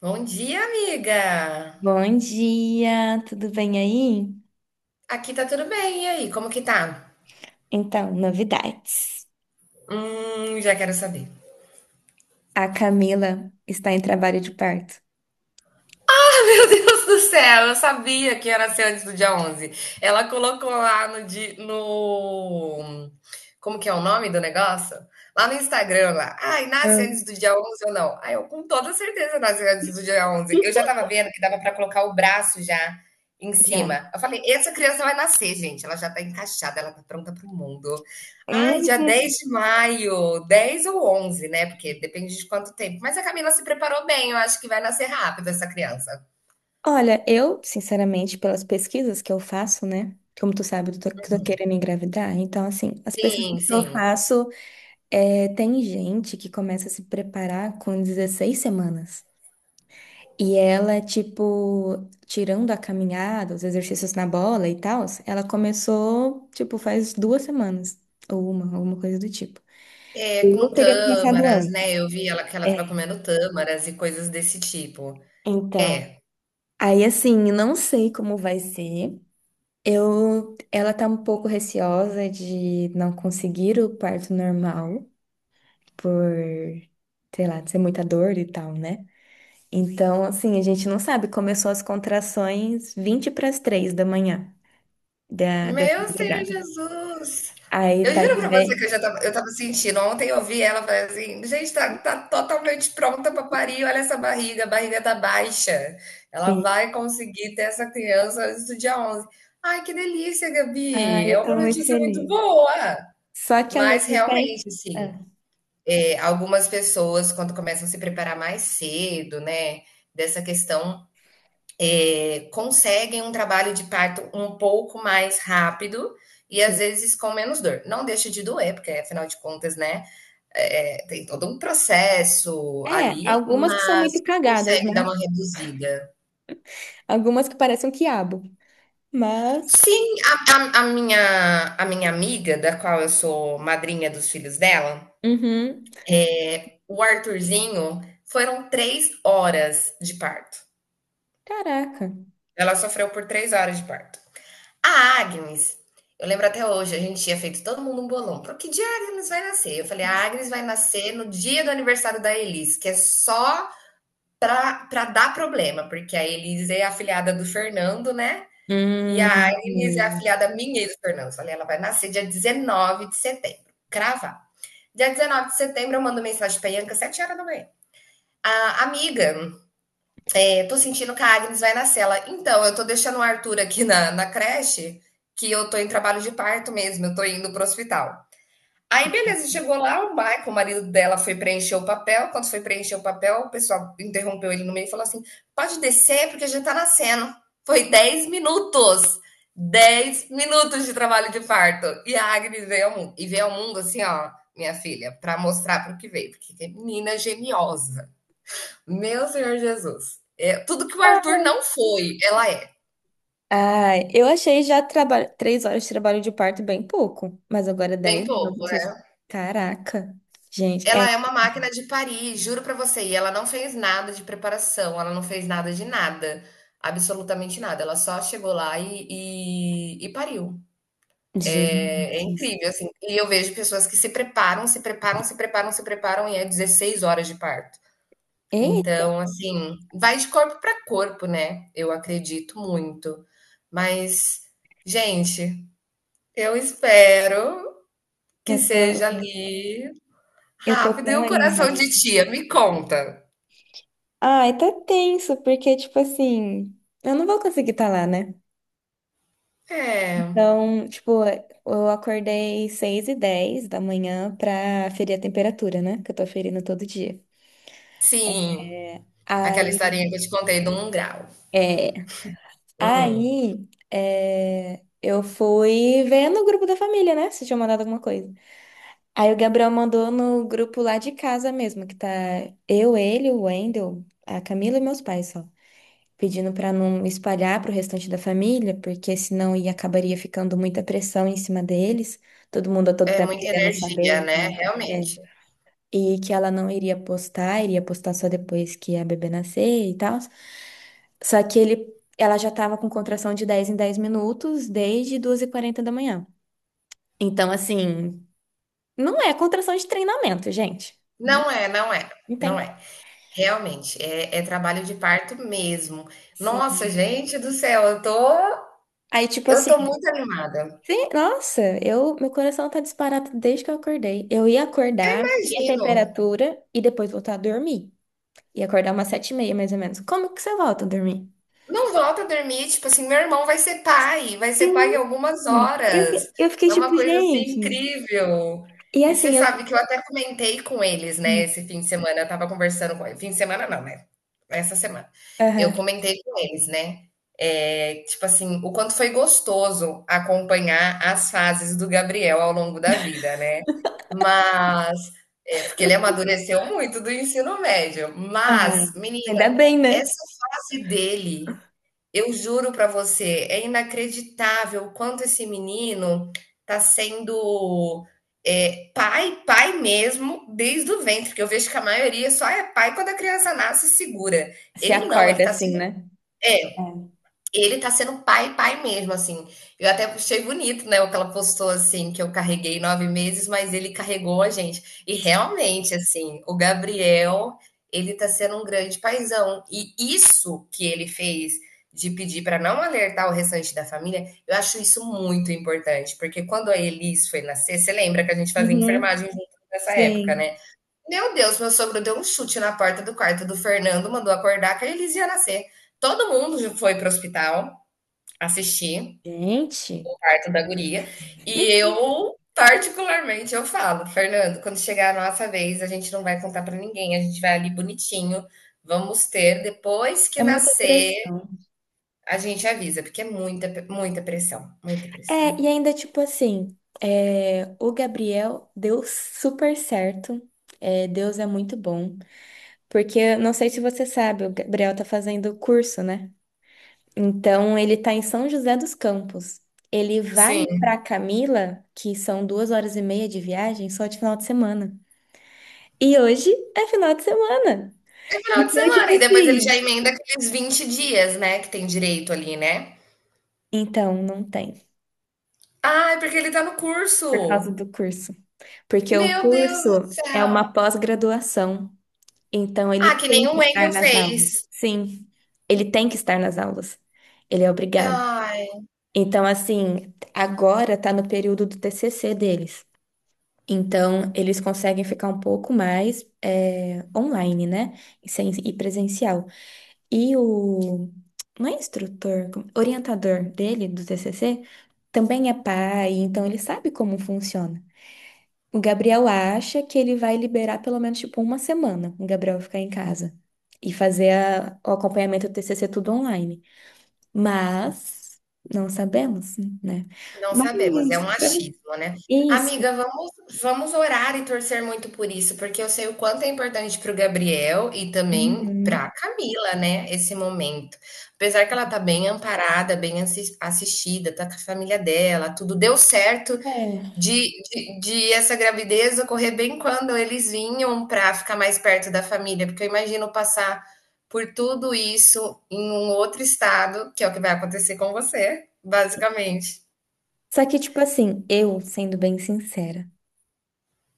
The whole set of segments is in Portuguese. Bom dia, amiga! Bom dia, tudo bem aí? Aqui tá tudo bem, e aí, como que tá? Então, novidades. Já quero saber. A Camila está em trabalho de parto. Ah, meu Deus do céu, eu sabia que ia nascer antes do dia 11. Ela colocou lá. Como que é o nome do negócio? Lá no Instagram, lá. Ai, nasce Hum. antes do dia 11 ou não? Ai, eu com toda certeza nasce antes do dia 11. Eu já tava vendo que dava pra colocar o braço já em Já. cima. Eu falei, essa criança vai nascer, gente. Ela já tá encaixada, ela tá pronta pro mundo. Ai, dia Hum. 10 de maio, 10 ou 11, né? Porque depende de quanto tempo. Mas a Camila se preparou bem, eu acho que vai nascer rápido essa criança. Olha, eu, sinceramente, pelas pesquisas que eu faço, né? Como tu sabe, eu tô querendo engravidar. Então, assim, as pesquisas que Sim, eu sim. faço. É, tem gente que começa a se preparar com 16 semanas. E ela, tipo, tirando a caminhada, os exercícios na bola e tal, ela começou, tipo, faz 2 semanas, ou uma, alguma coisa do tipo. É, com Eu teria começado tâmaras, antes. né, eu vi ela que ela estava É, comendo tâmaras e coisas desse tipo. então. É. Aí, assim, não sei como vai ser. Eu, ela tá um pouco receosa de não conseguir o parto normal, por, sei lá, ser muita dor e tal, né? Então, assim, a gente não sabe. Começou as contrações 20 para as 3 da manhã da, dessa Meu Senhor madrugada. Jesus! Aí Eu tá juro de pra 10. você que eu estava sentindo, ontem eu vi ela, falei assim: "Gente, tá totalmente pronta pra parir, olha essa barriga, a barriga tá baixa, ela Sim. vai conseguir ter essa criança antes do dia onze. Ai, que delícia, Ah, Gabi, é eu uma tô muito notícia muito feliz. boa. Só que ao Mas mesmo tempo. realmente, sim. Ah, É, algumas pessoas, quando começam a se preparar mais cedo, né, dessa questão, conseguem um trabalho de parto um pouco mais rápido e às sim. vezes com menos dor. Não deixa de doer, porque afinal de contas, né, tem todo um processo É, ali, algumas que são mas muito cagadas, consegue dar né? uma reduzida. Algumas que parecem um quiabo. Mas. Sim, a minha amiga, da qual eu sou madrinha dos filhos dela, Uhum. o Arthurzinho, foram 3 horas de parto. Caraca. Ela sofreu por 3 horas de parto. A Agnes, eu lembro até hoje, a gente tinha feito todo mundo um bolão. Pro que dia a Agnes vai nascer? Eu falei, a Agnes vai nascer no dia do aniversário da Elis, que é só pra dar problema, porque a Elis é afilhada do Fernando, né? E a Agnes é Mesmo. afilhada minha e do Fernando. Eu falei, ela vai nascer dia 19 de setembro. Cravar. Dia 19 de setembro, eu mando mensagem pra Ianca, 7 horas da manhã. A amiga, eu tô sentindo que a Agnes vai na cela. Então, eu tô deixando o Arthur aqui na creche, que eu tô em trabalho de parto mesmo, eu tô indo pro hospital. Aí, beleza, chegou lá, o Michael, o marido dela, foi preencher o papel. Quando foi preencher o papel, o pessoal interrompeu ele no meio e falou assim: pode descer, porque já tá nascendo. Foi 10 minutos. 10 minutos de trabalho de parto. E a Agnes veio ao mundo. E veio ao mundo assim, ó, minha filha, para mostrar pro que veio. Porque é menina geniosa. Meu Senhor Jesus. É, tudo que o Arthur não foi, ela é. Ah, eu achei já traba... 3 horas de trabalho de parto bem pouco, mas agora Bem dez pouco, minutos. é. Caraca. Gente, é. Ela é uma máquina de parir, juro pra você. E ela não fez nada de preparação, ela não fez nada de nada. Absolutamente nada. Ela só chegou lá e pariu. É, Gente. incrível, assim. E eu vejo pessoas que se preparam, se preparam, se preparam, se preparam, e é 16 horas de parto. Eita, Então, assim, vai de corpo pra corpo, né? Eu acredito muito. Mas, gente, eu espero que eu seja tô, ali eu tô rápido. E tão o coração animada. de tia, me conta. Ai, tá tenso, porque, tipo assim, eu não vou conseguir estar lá, né? É, Então, tipo, eu acordei 6h10 da manhã pra ferir a temperatura, né? Que eu tô ferindo todo dia. sim, aquela Aí, historinha que eu te contei do 1 grau. é, Uhum. aí, é, eu fui ver no grupo da família, né? Se tinha mandado alguma coisa. Aí o Gabriel mandou no grupo lá de casa mesmo, que tá eu, ele, o Wendel, a Camila e meus pais só, pedindo para não espalhar para o restante da família, porque senão ia acabaria ficando muita pressão em cima deles, todo mundo a todo É tempo muita querendo energia, saber e né? tal. É. Realmente. E que ela não iria postar, iria postar só depois que a bebê nascer e tal. Só que ele, ela já estava com contração de 10 em 10 minutos desde 2h40 da manhã. Então, assim, não é contração de treinamento, gente. Não, Não é, não é, não tem não é. como. Realmente, é trabalho de parto mesmo. Sim. Nossa, gente do céu, eu tô, Aí, tipo eu assim, tô muito animada. sim, nossa, eu, meu coração tá disparado desde que eu acordei. Eu ia acordar, subir a Imagino. temperatura e depois voltar a dormir. Ia acordar umas 7h30, mais ou menos. Como que você volta a dormir? Não volta a dormir, tipo assim, meu irmão vai ser pai em Sim. algumas Eu, horas. Eu fiquei É uma tipo, coisa assim gente. incrível. E E você assim, eu. sabe que eu até comentei com eles, né, Hum. esse fim de semana, eu estava conversando com eles. Fim de semana não, né, essa semana. Eu Aham. comentei com eles, né, tipo assim, o quanto foi gostoso acompanhar as fases do Gabriel ao longo da vida, né. Mas, porque ele amadureceu muito do ensino médio, Ah, mas menina, ainda bem, né? essa fase dele eu juro para você, é inacreditável o quanto esse menino tá sendo, pai, pai mesmo, desde o ventre, porque eu vejo que a maioria só é pai quando a criança nasce e segura. Se Ele não, ele acorda tá assim, sendo né? é. É. Ele tá sendo pai, pai mesmo, assim. Eu até achei bonito, né, o que ela postou, assim, que eu carreguei 9 meses, mas ele carregou a gente. E Sim. realmente, assim, o Gabriel, ele tá sendo um grande paizão. E isso que ele fez de pedir para não alertar o restante da família, eu acho isso muito importante, porque quando a Elis foi nascer, você lembra que a gente fazia Uhum. enfermagem junto nessa época, Sim. né? Meu Deus, meu sogro deu um chute na porta do quarto do Fernando, mandou acordar que a Elis ia nascer. Todo mundo foi pro hospital. Assisti Gente, o parto da guria, e eu, particularmente, eu falo: "Fernando, quando chegar a nossa vez, a gente não vai contar pra ninguém, a gente vai ali bonitinho, vamos ter, depois que é muita nascer, pressão. a gente avisa", porque é muita pressão, muita pressão. É, e ainda, tipo assim, é, o Gabriel deu super certo. É, Deus é muito bom. Porque, eu não sei se você sabe, o Gabriel tá fazendo curso, né? Então, ele tá em São José dos Campos. Ele vai Sim, pra Camila, que são 2 horas e meia de viagem, só de final de semana. E hoje é final de semana. é final de Então, tipo semana e depois ele já assim. emenda aqueles 20 dias, né, que tem direito ali, né. Então, não tem, Ai, porque ele tá no por causa curso. do curso. Porque o Meu Deus do curso é céu. uma pós-graduação. Então, Ah, ele que nem tem o que estar Wendel nas fez. aulas. Sim, ele tem que estar nas aulas. Ele é obrigado. Ai. Então, assim, agora tá no período do TCC deles. Então, eles conseguem ficar um pouco mais é, online, né? E, sem, e presencial. E o. Não é instrutor, orientador dele, do TCC, também é pai, então ele sabe como funciona. O Gabriel acha que ele vai liberar pelo menos, tipo, uma semana o Gabriel vai ficar em casa e fazer o acompanhamento do TCC tudo online. Mas não sabemos, né? Não Mas sabemos, é um achismo, né. é isso. Amiga, vamos orar e torcer muito por isso, porque eu sei o quanto é importante para o Gabriel e também Uhum. para a Camila, né, esse momento. Apesar que ela tá bem amparada, bem assistida, tá com a família dela, tudo deu certo É. de de essa gravidez ocorrer bem quando eles vinham para ficar mais perto da família, porque eu imagino passar por tudo isso em um outro estado, que é o que vai acontecer com você, basicamente. Só que, tipo assim, eu, sendo bem sincera,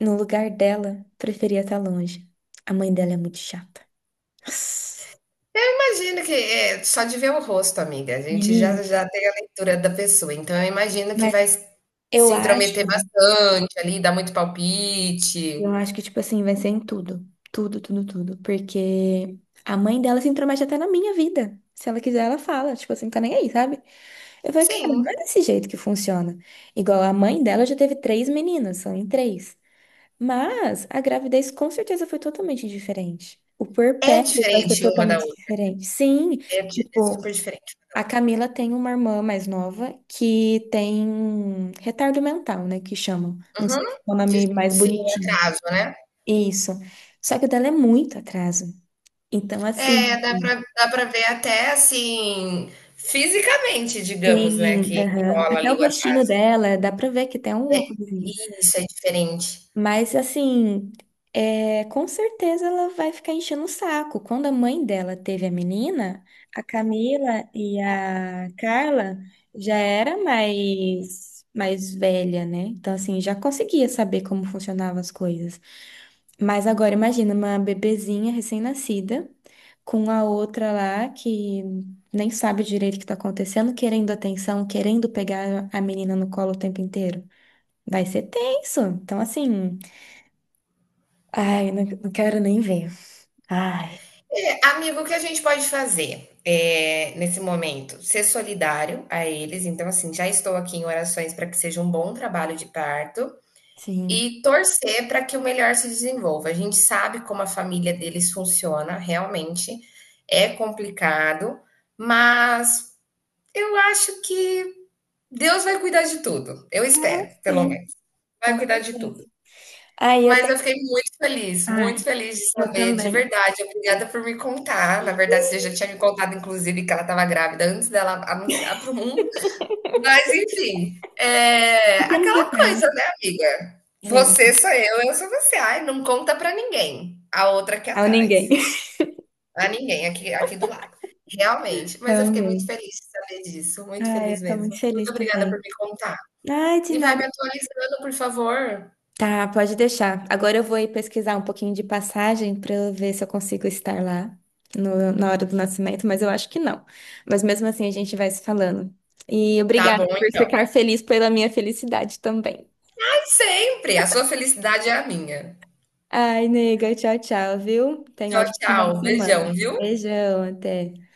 no lugar dela, preferia estar longe. A mãe dela é muito chata. Imagino que é só de ver o rosto, amiga, a gente já Menino, já tem a leitura da pessoa, então eu imagino que mas vai se eu acho. intrometer bastante ali, dar muito Eu palpite. acho que, tipo assim, vai ser em tudo. Tudo, tudo, tudo. Porque a mãe dela se intromete até na minha vida. Se ela quiser, ela fala. Tipo assim, tá nem aí, sabe? Eu falei, cara, não é Sim, desse jeito que funciona. Igual a mãe dela já teve 3 meninas, são em 3. Mas a gravidez com certeza foi totalmente diferente. O é puerpério vai ser diferente uma da totalmente outra, diferente. Sim, é di é tipo, super diferente uma da a outra. Camila tem uma irmã mais nova que tem retardo mental, né? Que chamam. Não Uhum. sei se é o De nome mais Sim, é bonitinho. atraso, né. Isso. Só que o dela é muito atraso. Então, É, assim, dá pra ver até, assim, fisicamente, digamos, né, sim, que aham. rola Até ali o o rostinho atraso. dela, dá pra ver que tem alguma coisinha. Isso, é diferente. Mas, assim, é, com certeza ela vai ficar enchendo o saco. Quando a mãe dela teve a menina, a Camila e a Carla já era mais velha, né? Então, assim, já conseguia saber como funcionavam as coisas. Mas agora imagina uma bebezinha recém-nascida com a outra lá que nem sabe direito o que tá acontecendo, querendo atenção, querendo pegar a menina no colo o tempo inteiro. Vai ser tenso. Então, assim, ai, não, não quero nem ver. Ai, É, amigo, o que a gente pode fazer é, nesse momento? Ser solidário a eles. Então, assim, já estou aqui em orações para que seja um bom trabalho de parto sim. e torcer para que o melhor se desenvolva. A gente sabe como a família deles funciona, realmente é complicado, mas eu acho que Deus vai cuidar de tudo. Eu Ah, espero, pelo sim. menos. Vai Com cuidar de tudo. certeza. Aí eu Mas eu tenho. fiquei Ai, muito feliz de eu saber, de também. verdade. Obrigada por me contar. Na verdade, você já tinha me contado, inclusive, que ela estava grávida antes dela anunciar para o mundo. Mas, enfim, é Pequenos aquela detalhes. coisa, né, amiga? Você Sim, sou eu sou você. Ai, não conta para ninguém. A outra aqui ao ninguém. atrás. A ninguém aqui, aqui do lado. Realmente. Mas eu fiquei muito Realmente. feliz de saber disso. Muito Ai, feliz eu tô mesmo. muito feliz Muito obrigada por também. me contar. Ai, de E vai me nada. atualizando, por favor. Tá, pode deixar. Agora eu vou ir pesquisar um pouquinho de passagem para eu ver se eu consigo estar lá na hora do nascimento, mas eu acho que não. Mas mesmo assim a gente vai se falando. E Tá obrigada bom, por então. ficar feliz pela minha felicidade também. Sempre! A sua felicidade é a minha. Ai, nega, tchau, tchau, viu? Tenha um Tchau, ótimo final de tchau. Beijão, semana. viu? Beijão, até.